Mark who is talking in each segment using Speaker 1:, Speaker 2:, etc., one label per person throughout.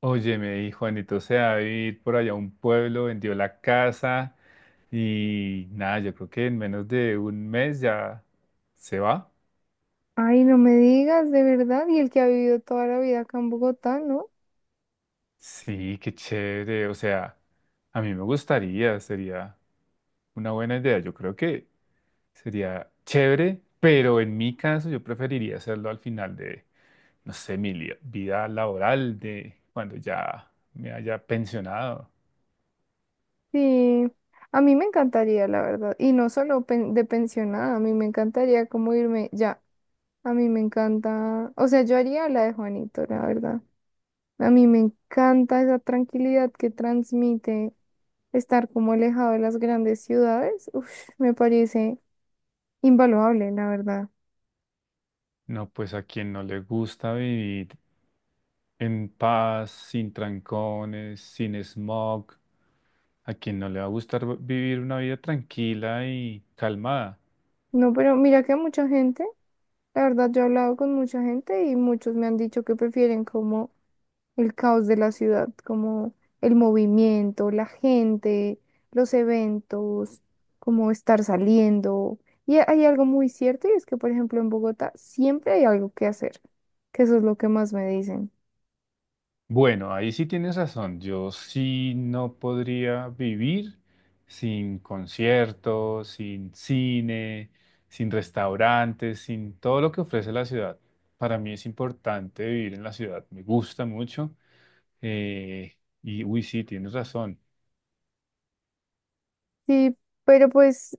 Speaker 1: Oye, me dijo Juanito se va a vivir por allá a un pueblo, vendió la casa y nada, yo creo que en menos de un mes ya se va.
Speaker 2: Ay, no me digas, de verdad, y el que ha vivido toda la vida acá en Bogotá, ¿no?
Speaker 1: Sí, qué chévere. O sea, a mí me gustaría, sería una buena idea. Yo creo que sería chévere, pero en mi caso yo preferiría hacerlo al final de, no sé, vida laboral, de cuando ya me haya pensionado.
Speaker 2: Sí, a mí me encantaría, la verdad, y no solo de pensionada, a mí me encantaría como irme ya, a mí me encanta, o sea, yo haría la de Juanito, la verdad, a mí me encanta esa tranquilidad que transmite estar como alejado de las grandes ciudades, uf, me parece invaluable, la verdad.
Speaker 1: No, pues a quien no le gusta vivir en paz, sin trancones, sin smog. ¿A quien no le va a gustar vivir una vida tranquila y calmada?
Speaker 2: No, pero mira que a mucha gente, la verdad, yo he hablado con mucha gente y muchos me han dicho que prefieren como el caos de la ciudad, como el movimiento, la gente, los eventos, como estar saliendo. Y hay algo muy cierto y es que, por ejemplo, en Bogotá siempre hay algo que hacer, que eso es lo que más me dicen.
Speaker 1: Bueno, ahí sí tienes razón. Yo sí no podría vivir sin conciertos, sin cine, sin restaurantes, sin todo lo que ofrece la ciudad. Para mí es importante vivir en la ciudad. Me gusta mucho. Uy, sí, tienes razón.
Speaker 2: Sí, pero pues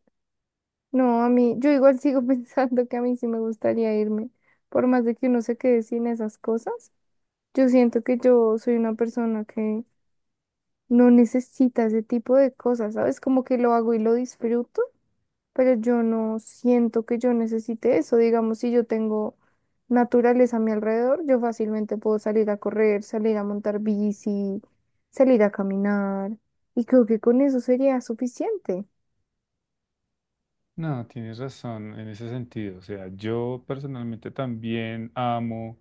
Speaker 2: no, a mí, yo igual sigo pensando que a mí sí me gustaría irme, por más de que uno se quede sin esas cosas. Yo siento que yo soy una persona que no necesita ese tipo de cosas, ¿sabes? Como que lo hago y lo disfruto, pero yo no siento que yo necesite eso. Digamos, si yo tengo naturaleza a mi alrededor, yo fácilmente puedo salir a correr, salir a montar bici, salir a caminar, y creo que con eso sería suficiente.
Speaker 1: No, tienes razón en ese sentido. O sea, yo personalmente también amo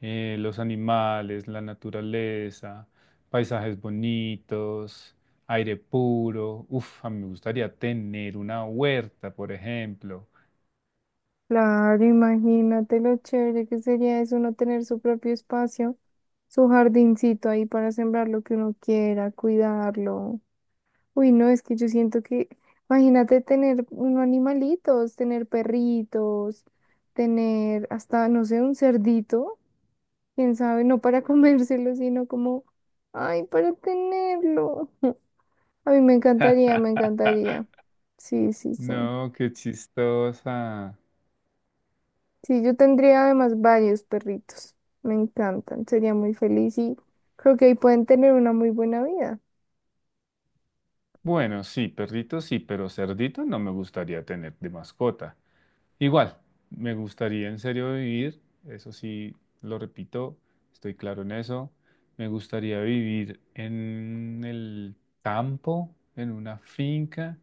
Speaker 1: los animales, la naturaleza, paisajes bonitos, aire puro. Uf, a mí me gustaría tener una huerta, por ejemplo.
Speaker 2: Claro, imagínate lo chévere que sería eso, uno tener su propio espacio, su jardincito ahí para sembrar lo que uno quiera, cuidarlo. Uy, no, es que yo siento que, imagínate tener unos animalitos, tener perritos, tener hasta, no sé, un cerdito, quién sabe, no para comérselo, sino como, ay, para tenerlo. A mí me encantaría, me encantaría. Sí, sí, sí.
Speaker 1: No, qué chistosa.
Speaker 2: Sí, yo tendría además varios perritos. Me encantan, sería muy feliz y creo que ahí pueden tener una muy buena vida.
Speaker 1: Bueno, sí, perrito sí, pero cerdito no me gustaría tener de mascota. Igual, me gustaría en serio vivir, eso sí, lo repito, estoy claro en eso. Me gustaría vivir en el campo, en una finca,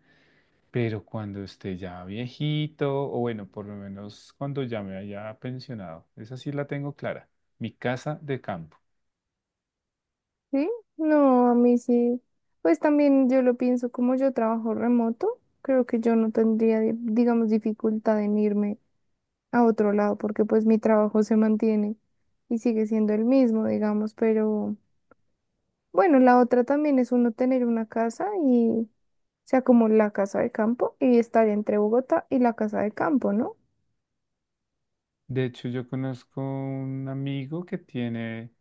Speaker 1: pero cuando esté ya viejito, o bueno, por lo menos cuando ya me haya pensionado. Esa sí la tengo clara, mi casa de campo.
Speaker 2: Sí, no, a mí sí. Pues también yo lo pienso como yo trabajo remoto, creo que yo no tendría, digamos, dificultad en irme a otro lado porque pues mi trabajo se mantiene y sigue siendo el mismo, digamos, pero bueno, la otra también es uno tener una casa y, o sea, como la casa de campo y estar entre Bogotá y la casa de campo, ¿no?
Speaker 1: De hecho, yo conozco un amigo que tiene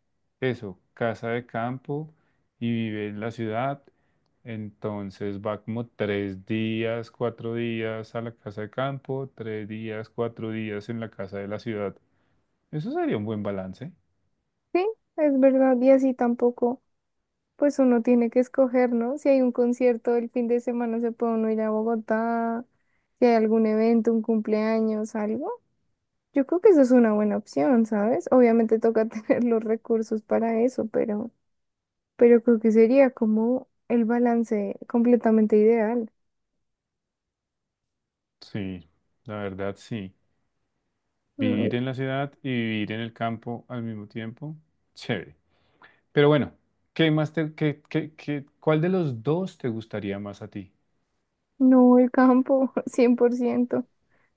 Speaker 1: eso, casa de campo y vive en la ciudad. Entonces va como tres días, cuatro días a la casa de campo, tres días, cuatro días en la casa de la ciudad. Eso sería un buen balance.
Speaker 2: Sí, es verdad, y así tampoco. Pues uno tiene que escoger, ¿no? Si hay un concierto el fin de semana, se puede uno ir a Bogotá, si hay algún evento, un cumpleaños, algo. Yo creo que eso es una buena opción, ¿sabes? Obviamente toca tener los recursos para eso, pero creo que sería como el balance completamente ideal.
Speaker 1: Sí, la verdad sí.
Speaker 2: Mm.
Speaker 1: Vivir en la ciudad y vivir en el campo al mismo tiempo, chévere. Pero bueno, ¿qué más te, cuál de los dos te gustaría más a ti?
Speaker 2: No, el campo, 100%.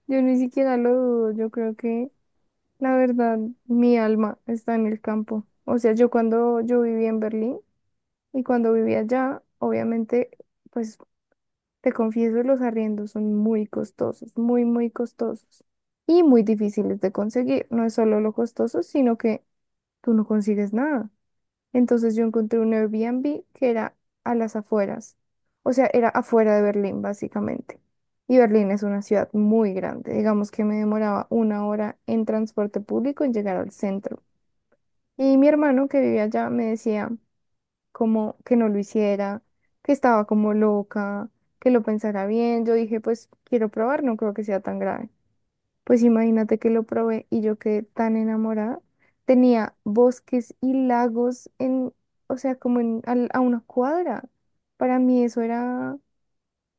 Speaker 2: Yo ni siquiera lo dudo, yo creo que, la verdad, mi alma está en el campo. O sea, yo cuando yo viví en Berlín, y cuando vivía allá, obviamente, pues te confieso, los arriendos son muy costosos, muy, muy costosos y muy difíciles de conseguir. No es solo lo costoso, sino que tú no consigues nada. Entonces yo encontré un Airbnb que era a las afueras, o sea, era afuera de Berlín, básicamente. Y Berlín es una ciudad muy grande. Digamos que me demoraba una hora en transporte público en llegar al centro. Y mi hermano que vivía allá me decía como que no lo hiciera, que estaba como loca, que lo pensara bien. Yo dije, pues quiero probar, no creo que sea tan grave. Pues imagínate que lo probé y yo quedé tan enamorada. Tenía bosques y lagos en, o sea, como en, a una cuadra. Para mí eso era,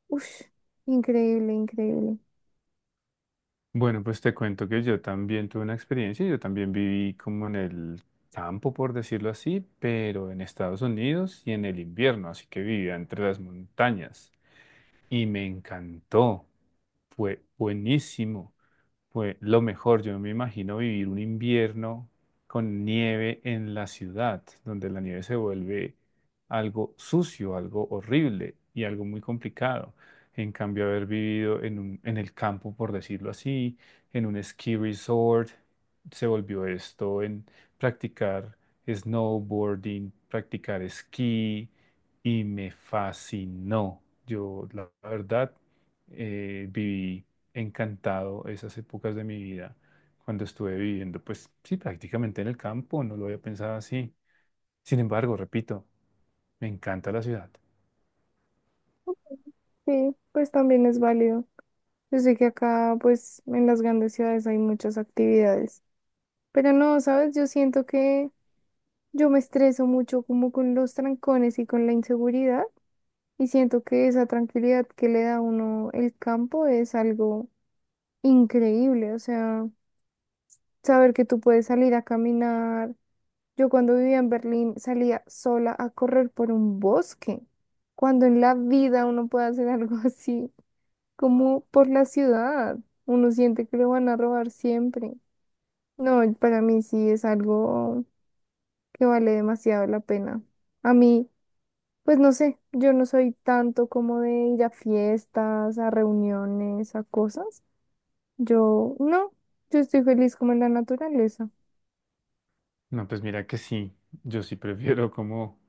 Speaker 2: uff, increíble, increíble.
Speaker 1: Bueno, pues te cuento que yo también tuve una experiencia, yo también viví como en el campo, por decirlo así, pero en Estados Unidos y en el invierno, así que vivía entre las montañas y me encantó, fue buenísimo. Fue lo mejor, yo no me imagino vivir un invierno con nieve en la ciudad, donde la nieve se vuelve algo sucio, algo horrible y algo muy complicado. En cambio, haber vivido en en el campo, por decirlo así, en un ski resort, se volvió esto en practicar snowboarding, practicar esquí y me fascinó. Yo, la verdad, viví encantado esas épocas de mi vida cuando estuve viviendo, pues sí, prácticamente en el campo, no lo había pensado así. Sin embargo, repito, me encanta la ciudad.
Speaker 2: Sí, pues también es válido. Yo sé que acá, pues, en las grandes ciudades hay muchas actividades. Pero no, ¿sabes? Yo siento que yo me estreso mucho como con los trancones y con la inseguridad y siento que esa tranquilidad que le da a uno el campo es algo increíble, o sea, saber que tú puedes salir a caminar. Yo cuando vivía en Berlín salía sola a correr por un bosque, cuando en la vida uno puede hacer algo así, como por la ciudad, uno siente que lo van a robar siempre. No, para mí sí es algo que vale demasiado la pena. A mí... Pues no sé, yo no soy tanto como de ir a fiestas, a reuniones, a cosas. Yo no, yo estoy feliz como en la naturaleza.
Speaker 1: No, pues mira que sí, yo sí prefiero como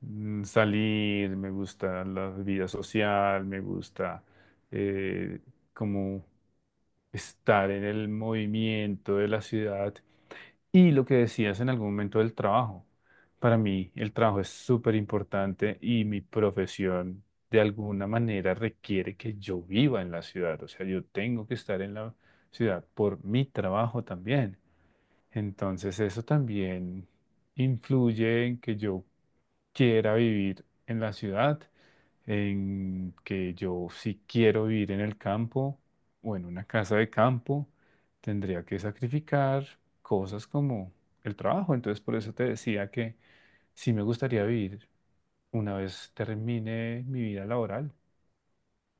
Speaker 1: salir, me gusta la vida social, me gusta eh, como estar en el movimiento de la ciudad. Y lo que decías en algún momento del trabajo. Para mí el trabajo es súper importante y mi profesión de alguna manera requiere que yo viva en la ciudad. O sea, yo tengo que estar en la ciudad por mi trabajo también. Entonces eso también influye en que yo quiera vivir en la ciudad, en que yo si quiero vivir en el campo o en una casa de campo, tendría que sacrificar cosas como el trabajo. Entonces, por eso te decía que sí me gustaría vivir una vez termine mi vida laboral.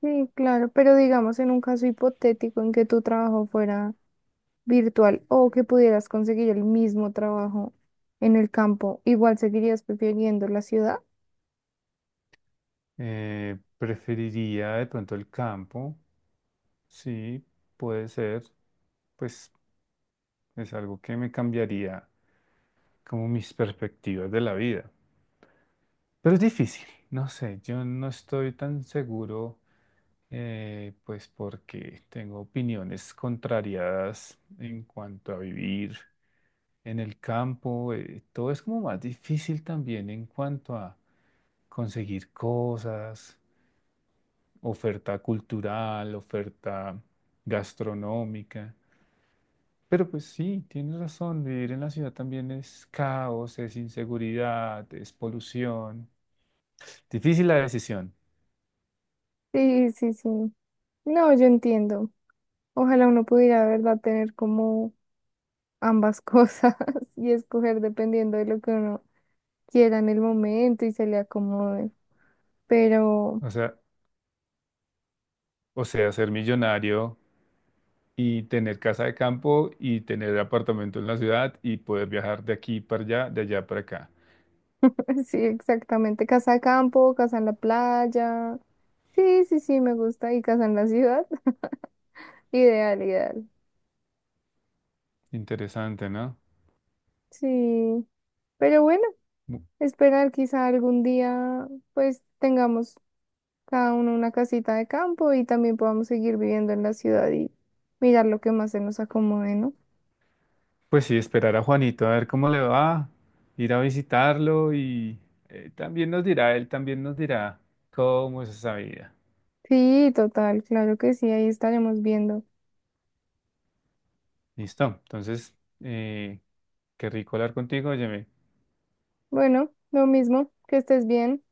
Speaker 2: Sí, claro, pero digamos en un caso hipotético en que tu trabajo fuera virtual o que pudieras conseguir el mismo trabajo en el campo, ¿igual seguirías prefiriendo la ciudad?
Speaker 1: Preferiría de pronto el campo, sí, puede ser, pues es algo que me cambiaría como mis perspectivas de la vida. Pero es difícil, no sé, yo no estoy tan seguro. Pues porque tengo opiniones contrariadas en cuanto a vivir en el campo. Todo es como más difícil también en cuanto a conseguir cosas, oferta cultural, oferta gastronómica. Pero pues sí, tienes razón, vivir en la ciudad también es caos, es inseguridad, es polución. Difícil la decisión.
Speaker 2: Sí, sí, sí. No, yo entiendo. Ojalá uno pudiera, de verdad, tener como ambas cosas y escoger dependiendo de lo que uno quieran el momento y se le acomoden. Pero
Speaker 1: O sea, o sea, ser millonario. Y tener casa de campo y tener apartamento en la ciudad y poder viajar de aquí para allá, de allá para acá.
Speaker 2: sí, exactamente, casa de campo, casa en la playa. Sí, sí, sí, me gusta. Y casa en la ciudad, ideal, ideal.
Speaker 1: Interesante, ¿no?
Speaker 2: Sí, pero bueno,
Speaker 1: Bu-
Speaker 2: esperar quizá algún día pues tengamos cada uno una casita de campo y también podamos seguir viviendo en la ciudad y mirar lo que más se nos acomode, ¿no?
Speaker 1: Pues sí, esperar a Juanito a ver cómo le va, ir a visitarlo y también nos dirá, él también nos dirá cómo es esa vida.
Speaker 2: Sí, total, claro que sí, ahí estaremos viendo.
Speaker 1: Listo, entonces, qué rico hablar contigo, oye
Speaker 2: Bueno, lo mismo, que estés bien.